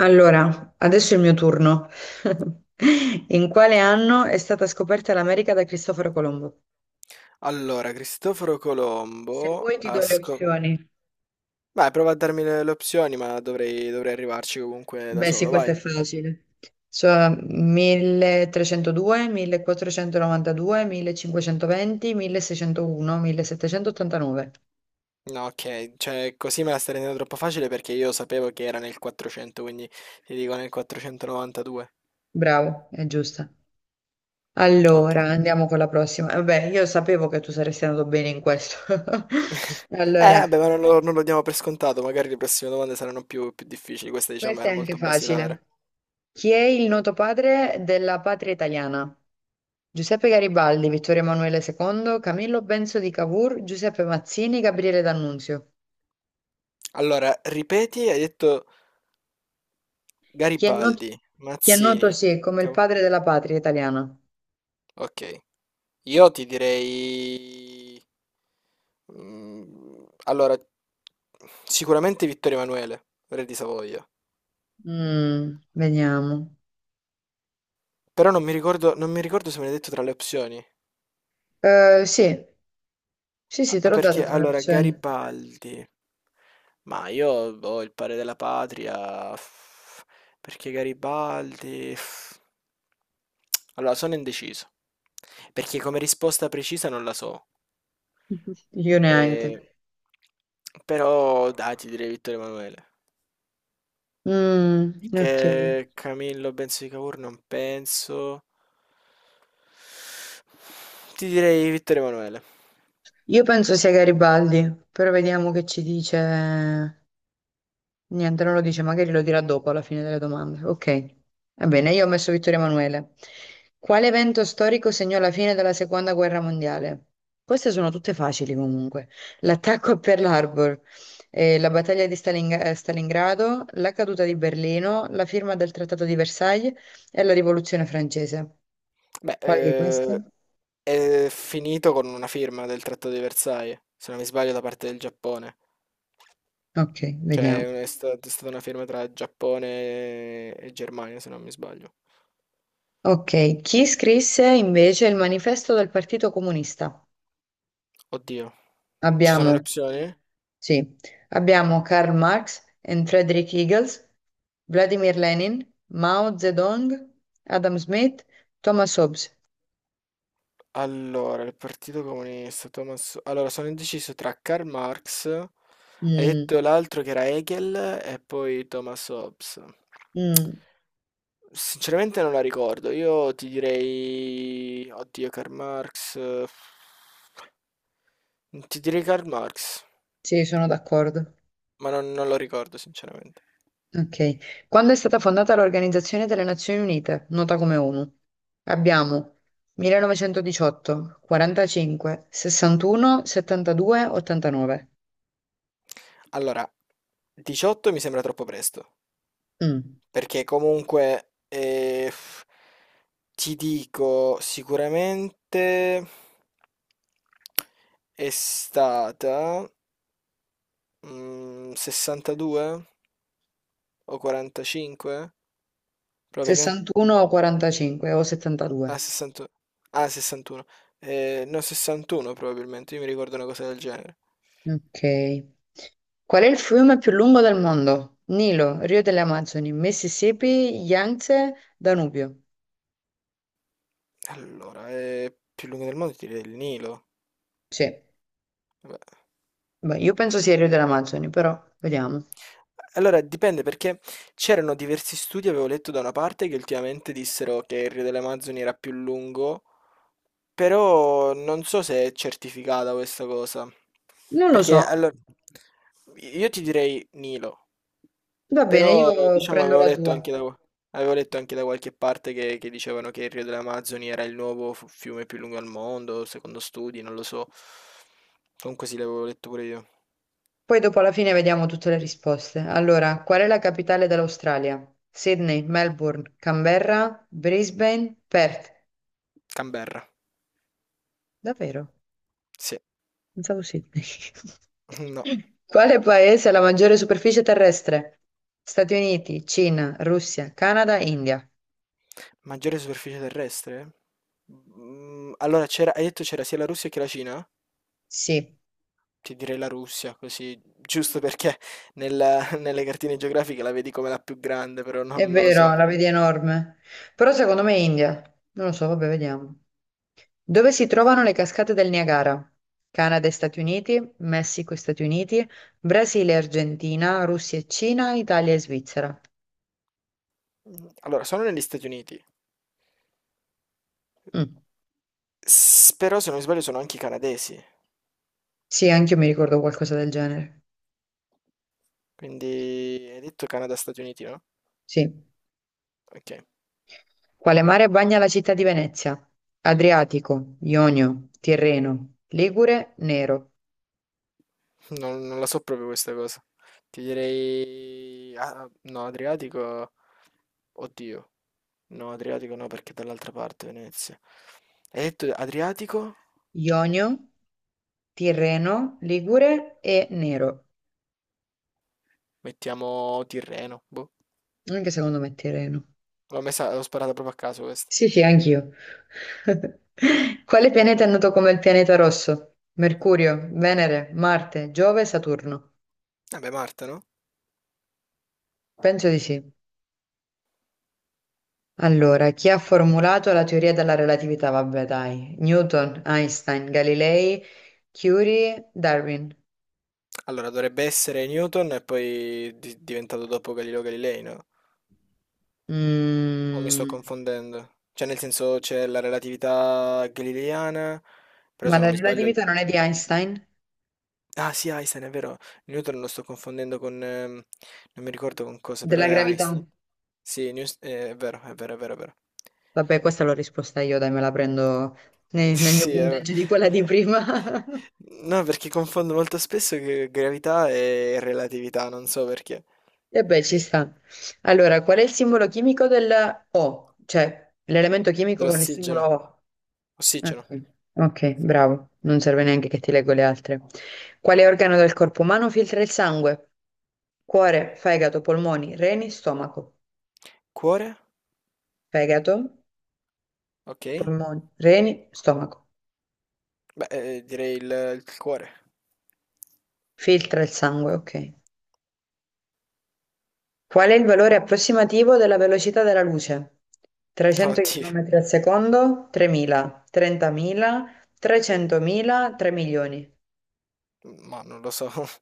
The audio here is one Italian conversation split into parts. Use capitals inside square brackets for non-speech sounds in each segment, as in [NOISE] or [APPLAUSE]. Allora, adesso è il mio turno. [LAUGHS] In quale anno è stata scoperta l'America da Cristoforo Colombo? Allora, Cristoforo Se Colombo vuoi ti do le opzioni. Vai, prova a darmi le opzioni, ma dovrei arrivarci comunque da Beh, sì, solo, questo vai. è facile. Cioè 1302, 1492, 1520, 1601, 1789. No, ok, cioè così me la stai rendendo troppo facile perché io sapevo che era nel 400, quindi ti dico nel 492. Bravo, è giusta. Ok. Allora, andiamo con la prossima. Vabbè, io sapevo che tu saresti andato bene in questo. [LAUGHS] [LAUGHS] Allora, vabbè, ma non lo diamo per scontato, magari le prossime domande saranno più difficili, questa diciamo questa è era anche molto basilare. facile. Chi è il noto padre della patria italiana? Giuseppe Garibaldi, Vittorio Emanuele II, Camillo Benso di Cavour, Giuseppe Mazzini, Gabriele D'Annunzio. Allora, ripeti, hai detto Chi è noto, Garibaldi, chi è noto, Mazzini. sì, come il Cav- padre della patria italiana? Ok. Io ti direi. Mm, Allora, sicuramente Vittorio Emanuele, re di Savoia. Mm, vediamo. Però non mi ricordo se me l'hai detto tra le opzioni. Sì, sì, sì, te Ah, l'ho dato perché, tra le allora, opzioni. Garibaldi. Ma io ho il padre della patria, perché Garibaldi, allora, sono indeciso. Perché come risposta precisa non la so. [LAUGHS] Io neanche. Eh, Però, dai, ti direi Vittorio Emanuele. Mm, ok. Che Camillo Benso di Cavour non penso. Ti direi Vittorio Emanuele. Io penso sia Garibaldi, però vediamo che ci dice. Niente, non lo dice, magari lo dirà dopo alla fine delle domande. Ok, va bene, io ho messo Vittorio Emanuele. Quale evento storico segnò la fine della seconda guerra mondiale? Queste sono tutte facili comunque. L'attacco a Pearl Harbor, la battaglia di Stalingrado, la caduta di Berlino, la firma del Trattato di Versailles e la rivoluzione francese. Beh, Quale di queste? è finito con una firma del Trattato di Versailles, se non mi sbaglio, da parte del Giappone. Ok, vediamo. Cioè, è stata una firma tra Giappone e Germania, se non mi sbaglio. Ok, chi scrisse invece il manifesto del Partito Comunista? Oddio. Ci sono le Abbiamo opzioni? Sì, abbiamo Karl Marx e Friedrich Engels, Vladimir Lenin, Mao Zedong, Adam Smith, Thomas Hobbes. Allora, il Partito Comunista, Thomas. Allora, sono indeciso tra Karl Marx, hai Mm, detto l'altro che era Hegel e poi Thomas Hobbes. mm, Sinceramente non la ricordo, io ti direi. Oddio, Karl Marx, ti direi Karl Marx, sì, sono d'accordo. ma non lo ricordo sinceramente. Ok. Quando è stata fondata l'Organizzazione delle Nazioni Unite, nota come ONU? Abbiamo 1918, 45, 61, 72, 89. Allora, 18 mi sembra troppo presto. Mm, Perché comunque ti dico sicuramente è stata 62 o 45? Probabilmente. 61 o 45 o 72. Ah, 61. Ah, 61. No, 61 probabilmente, io mi ricordo una cosa del genere. Ok. Qual è il fiume più lungo del mondo? Nilo, Rio delle Amazzoni, Mississippi, Yangtze, Danubio. Allora, è più lungo del mondo, ti direi il Nilo. Sì, Vabbè. beh, io penso sia il Rio delle Amazzoni, però vediamo. Allora dipende perché c'erano diversi studi, avevo letto da una parte, che ultimamente dissero che il Rio delle Amazzoni era più lungo, però non so se è certificata questa cosa. Non lo Perché so. allora io ti direi Nilo, Va bene, però io diciamo prendo avevo la letto tua. anche da, avevo letto anche da qualche parte che dicevano che il Rio delle Amazzoni era il nuovo fiume più lungo al mondo, secondo studi, non lo so. Comunque sì, l'avevo letto pure io. Poi dopo alla fine vediamo tutte le risposte. Allora, qual è la capitale dell'Australia? Sydney, Melbourne, Canberra, Brisbane, Perth. Canberra, Davvero? sì, Pensavo Sydney. [LAUGHS] no. [LAUGHS] Quale paese ha la maggiore superficie terrestre? Stati Uniti, Cina, Russia, Canada, India. Maggiore superficie terrestre? Allora, hai detto c'era sia la Russia che la Cina? Sì, Ti direi la Russia, così, giusto perché [LAUGHS] nelle cartine geografiche la vedi come la più grande, però è non lo so. vero, la vedi enorme. Però secondo me è India. Non lo so, vabbè, vediamo. Dove si trovano le cascate del Niagara? Canada e Stati Uniti, Messico e Stati Uniti, Brasile e Argentina, Russia e Cina, Italia e Svizzera. Allora, sono negli Stati Uniti, Mm. Però se non mi sbaglio sono anche i canadesi, Sì, anche io mi ricordo qualcosa del genere. quindi hai detto Canada-Stati Uniti, no? Sì. Ok, Quale mare bagna la città di Venezia? Adriatico, Ionio, Tirreno, Ligure, Nero. non la so proprio questa cosa. Ti direi, ah, no, Adriatico. Oddio, no, Adriatico no perché è dall'altra parte Venezia. Hai detto Adriatico? Ionio, Tirreno, Ligure e Nero. Mettiamo Tirreno. Boh. Anche secondo me è Tirreno. L'ho messa, l'ho sparata proprio a caso questa. Sì, sì, anch'io. [LAUGHS] Quale pianeta è noto come il pianeta rosso? Mercurio, Venere, Marte, Giove, Saturno. Vabbè, Marta, no? Penso di sì. Allora, chi ha formulato la teoria della relatività? Vabbè, dai. Newton, Einstein, Galilei, Curie, Darwin. Allora, dovrebbe essere Newton e poi diventato dopo Galileo Galilei, no? O mi sto Mm, confondendo? Cioè, nel senso, c'è la relatività galileiana, però ma se non la mi sbaglio. relatività non è di Einstein? Ah, sì, Einstein, è vero. Newton lo sto confondendo con, non mi ricordo con cosa, però Della è gravità? Einstein. Sì, è vero, è vero, è vero, è vero. Vabbè, questa l'ho risposta io, dai, me la prendo [LAUGHS] nel mio Sì, è vero. punteggio di quella di prima. [LAUGHS] No, perché confondo molto spesso che gravità e relatività, non so perché. E beh, ci sta. Allora, qual è il simbolo chimico del O? Cioè, l'elemento chimico con il simbolo Dell'ossigeno. O. Ossigeno. Ok, ok, bravo. Non serve neanche che ti leggo le altre. Quale organo del corpo umano filtra il sangue? Cuore, fegato, polmoni, reni, stomaco. Cuore? Fegato, Ok. polmoni, reni, stomaco. Beh, direi il cuore. Filtra il sangue, ok. Qual è il valore approssimativo della velocità della luce? [LAUGHS] 300 Oddio, km al secondo, 3.000, 30.000, 300.000, 3 milioni. ma non lo so. [LAUGHS]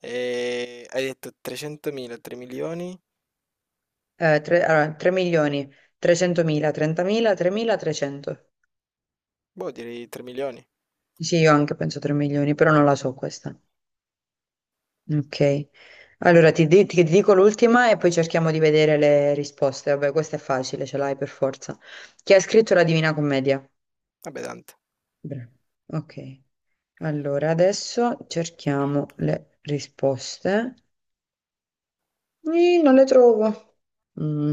Hai detto 300.000, 3 milioni? Allora, 3 milioni, 300.000, 30.000, 3.300. Boh, direi 3 milioni. Sì, io anche penso 3 milioni, però non la so questa. Ok. Allora, ti dico l'ultima e poi cerchiamo di vedere le risposte. Vabbè, questa è facile, ce l'hai per forza. Chi ha scritto la Divina Commedia? Vabbè, tante. Bra- Ok, allora adesso cerchiamo le risposte. Ih, non le trovo. Mm,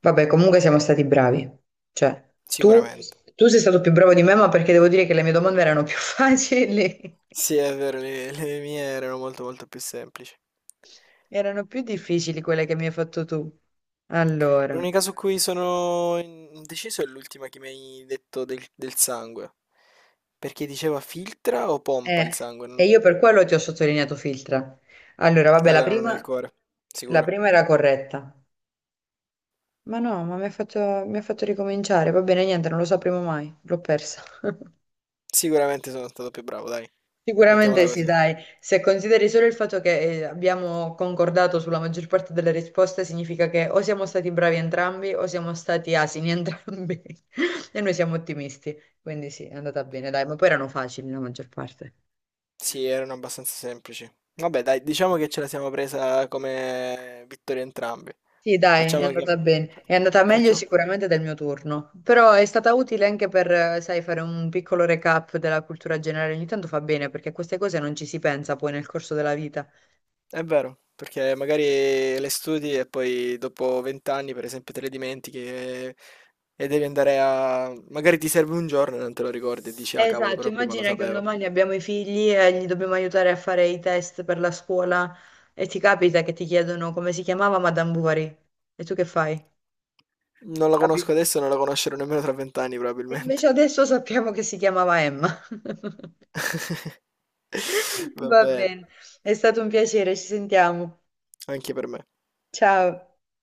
Vabbè, comunque siamo stati bravi. Cioè, tu, Sicuramente. tu sei stato più bravo di me, ma perché devo dire che le mie domande erano più [LAUGHS] facili. Sì, è vero, le mie erano molto molto più semplici. Erano più difficili quelle che mi hai fatto tu. Allora, L'unica su cui sono indeciso è l'ultima che mi hai detto del sangue. Perché diceva filtra o pompa il sangue? e io per quello ti ho sottolineato filtra. Allora, vabbè, la Allora non è il prima, cuore, la sicuro. prima era corretta. Ma no, ma mi ha fatto ricominciare. Va bene, niente, non lo sapremo mai. L'ho persa. [LAUGHS] Sicuramente sono stato più bravo, dai. Mettiamola Sicuramente sì, così. dai. Se consideri solo il fatto che abbiamo concordato sulla maggior parte delle risposte, significa che o siamo stati bravi entrambi o siamo stati asini entrambi. [LAUGHS] E noi siamo ottimisti. Quindi sì, è andata bene, dai. Ma poi erano facili la maggior parte. Sì, erano abbastanza semplici. Vabbè, dai, diciamo che ce la siamo presa come vittoria entrambi. Sì, dai, è Facciamo che. andata bene. fa- È andata meglio Facciamo. sicuramente del mio turno, però è stata utile anche per, sai, fare un piccolo recap della cultura generale. Ogni tanto fa bene perché a queste cose non ci si pensa poi nel corso della vita. È vero, perché magari le studi e poi dopo 20 anni, per esempio, te le dimentichi e devi andare a. Magari ti serve un giorno e non te lo ricordi e dici, ah cavolo, Esatto, però prima lo immagina che un sapevo. domani abbiamo i figli e gli dobbiamo aiutare a fare i test per la scuola e ti capita che ti chiedono come si chiamava Madame Bovary e tu che fai? Non la conosco adesso e non la conoscerò nemmeno tra 20 anni E probabilmente. invece adesso sappiamo che si chiamava Emma. [LAUGHS] [LAUGHS] Va Va bene, bene, è stato un piacere, ci sentiamo. anche per me. Ciao.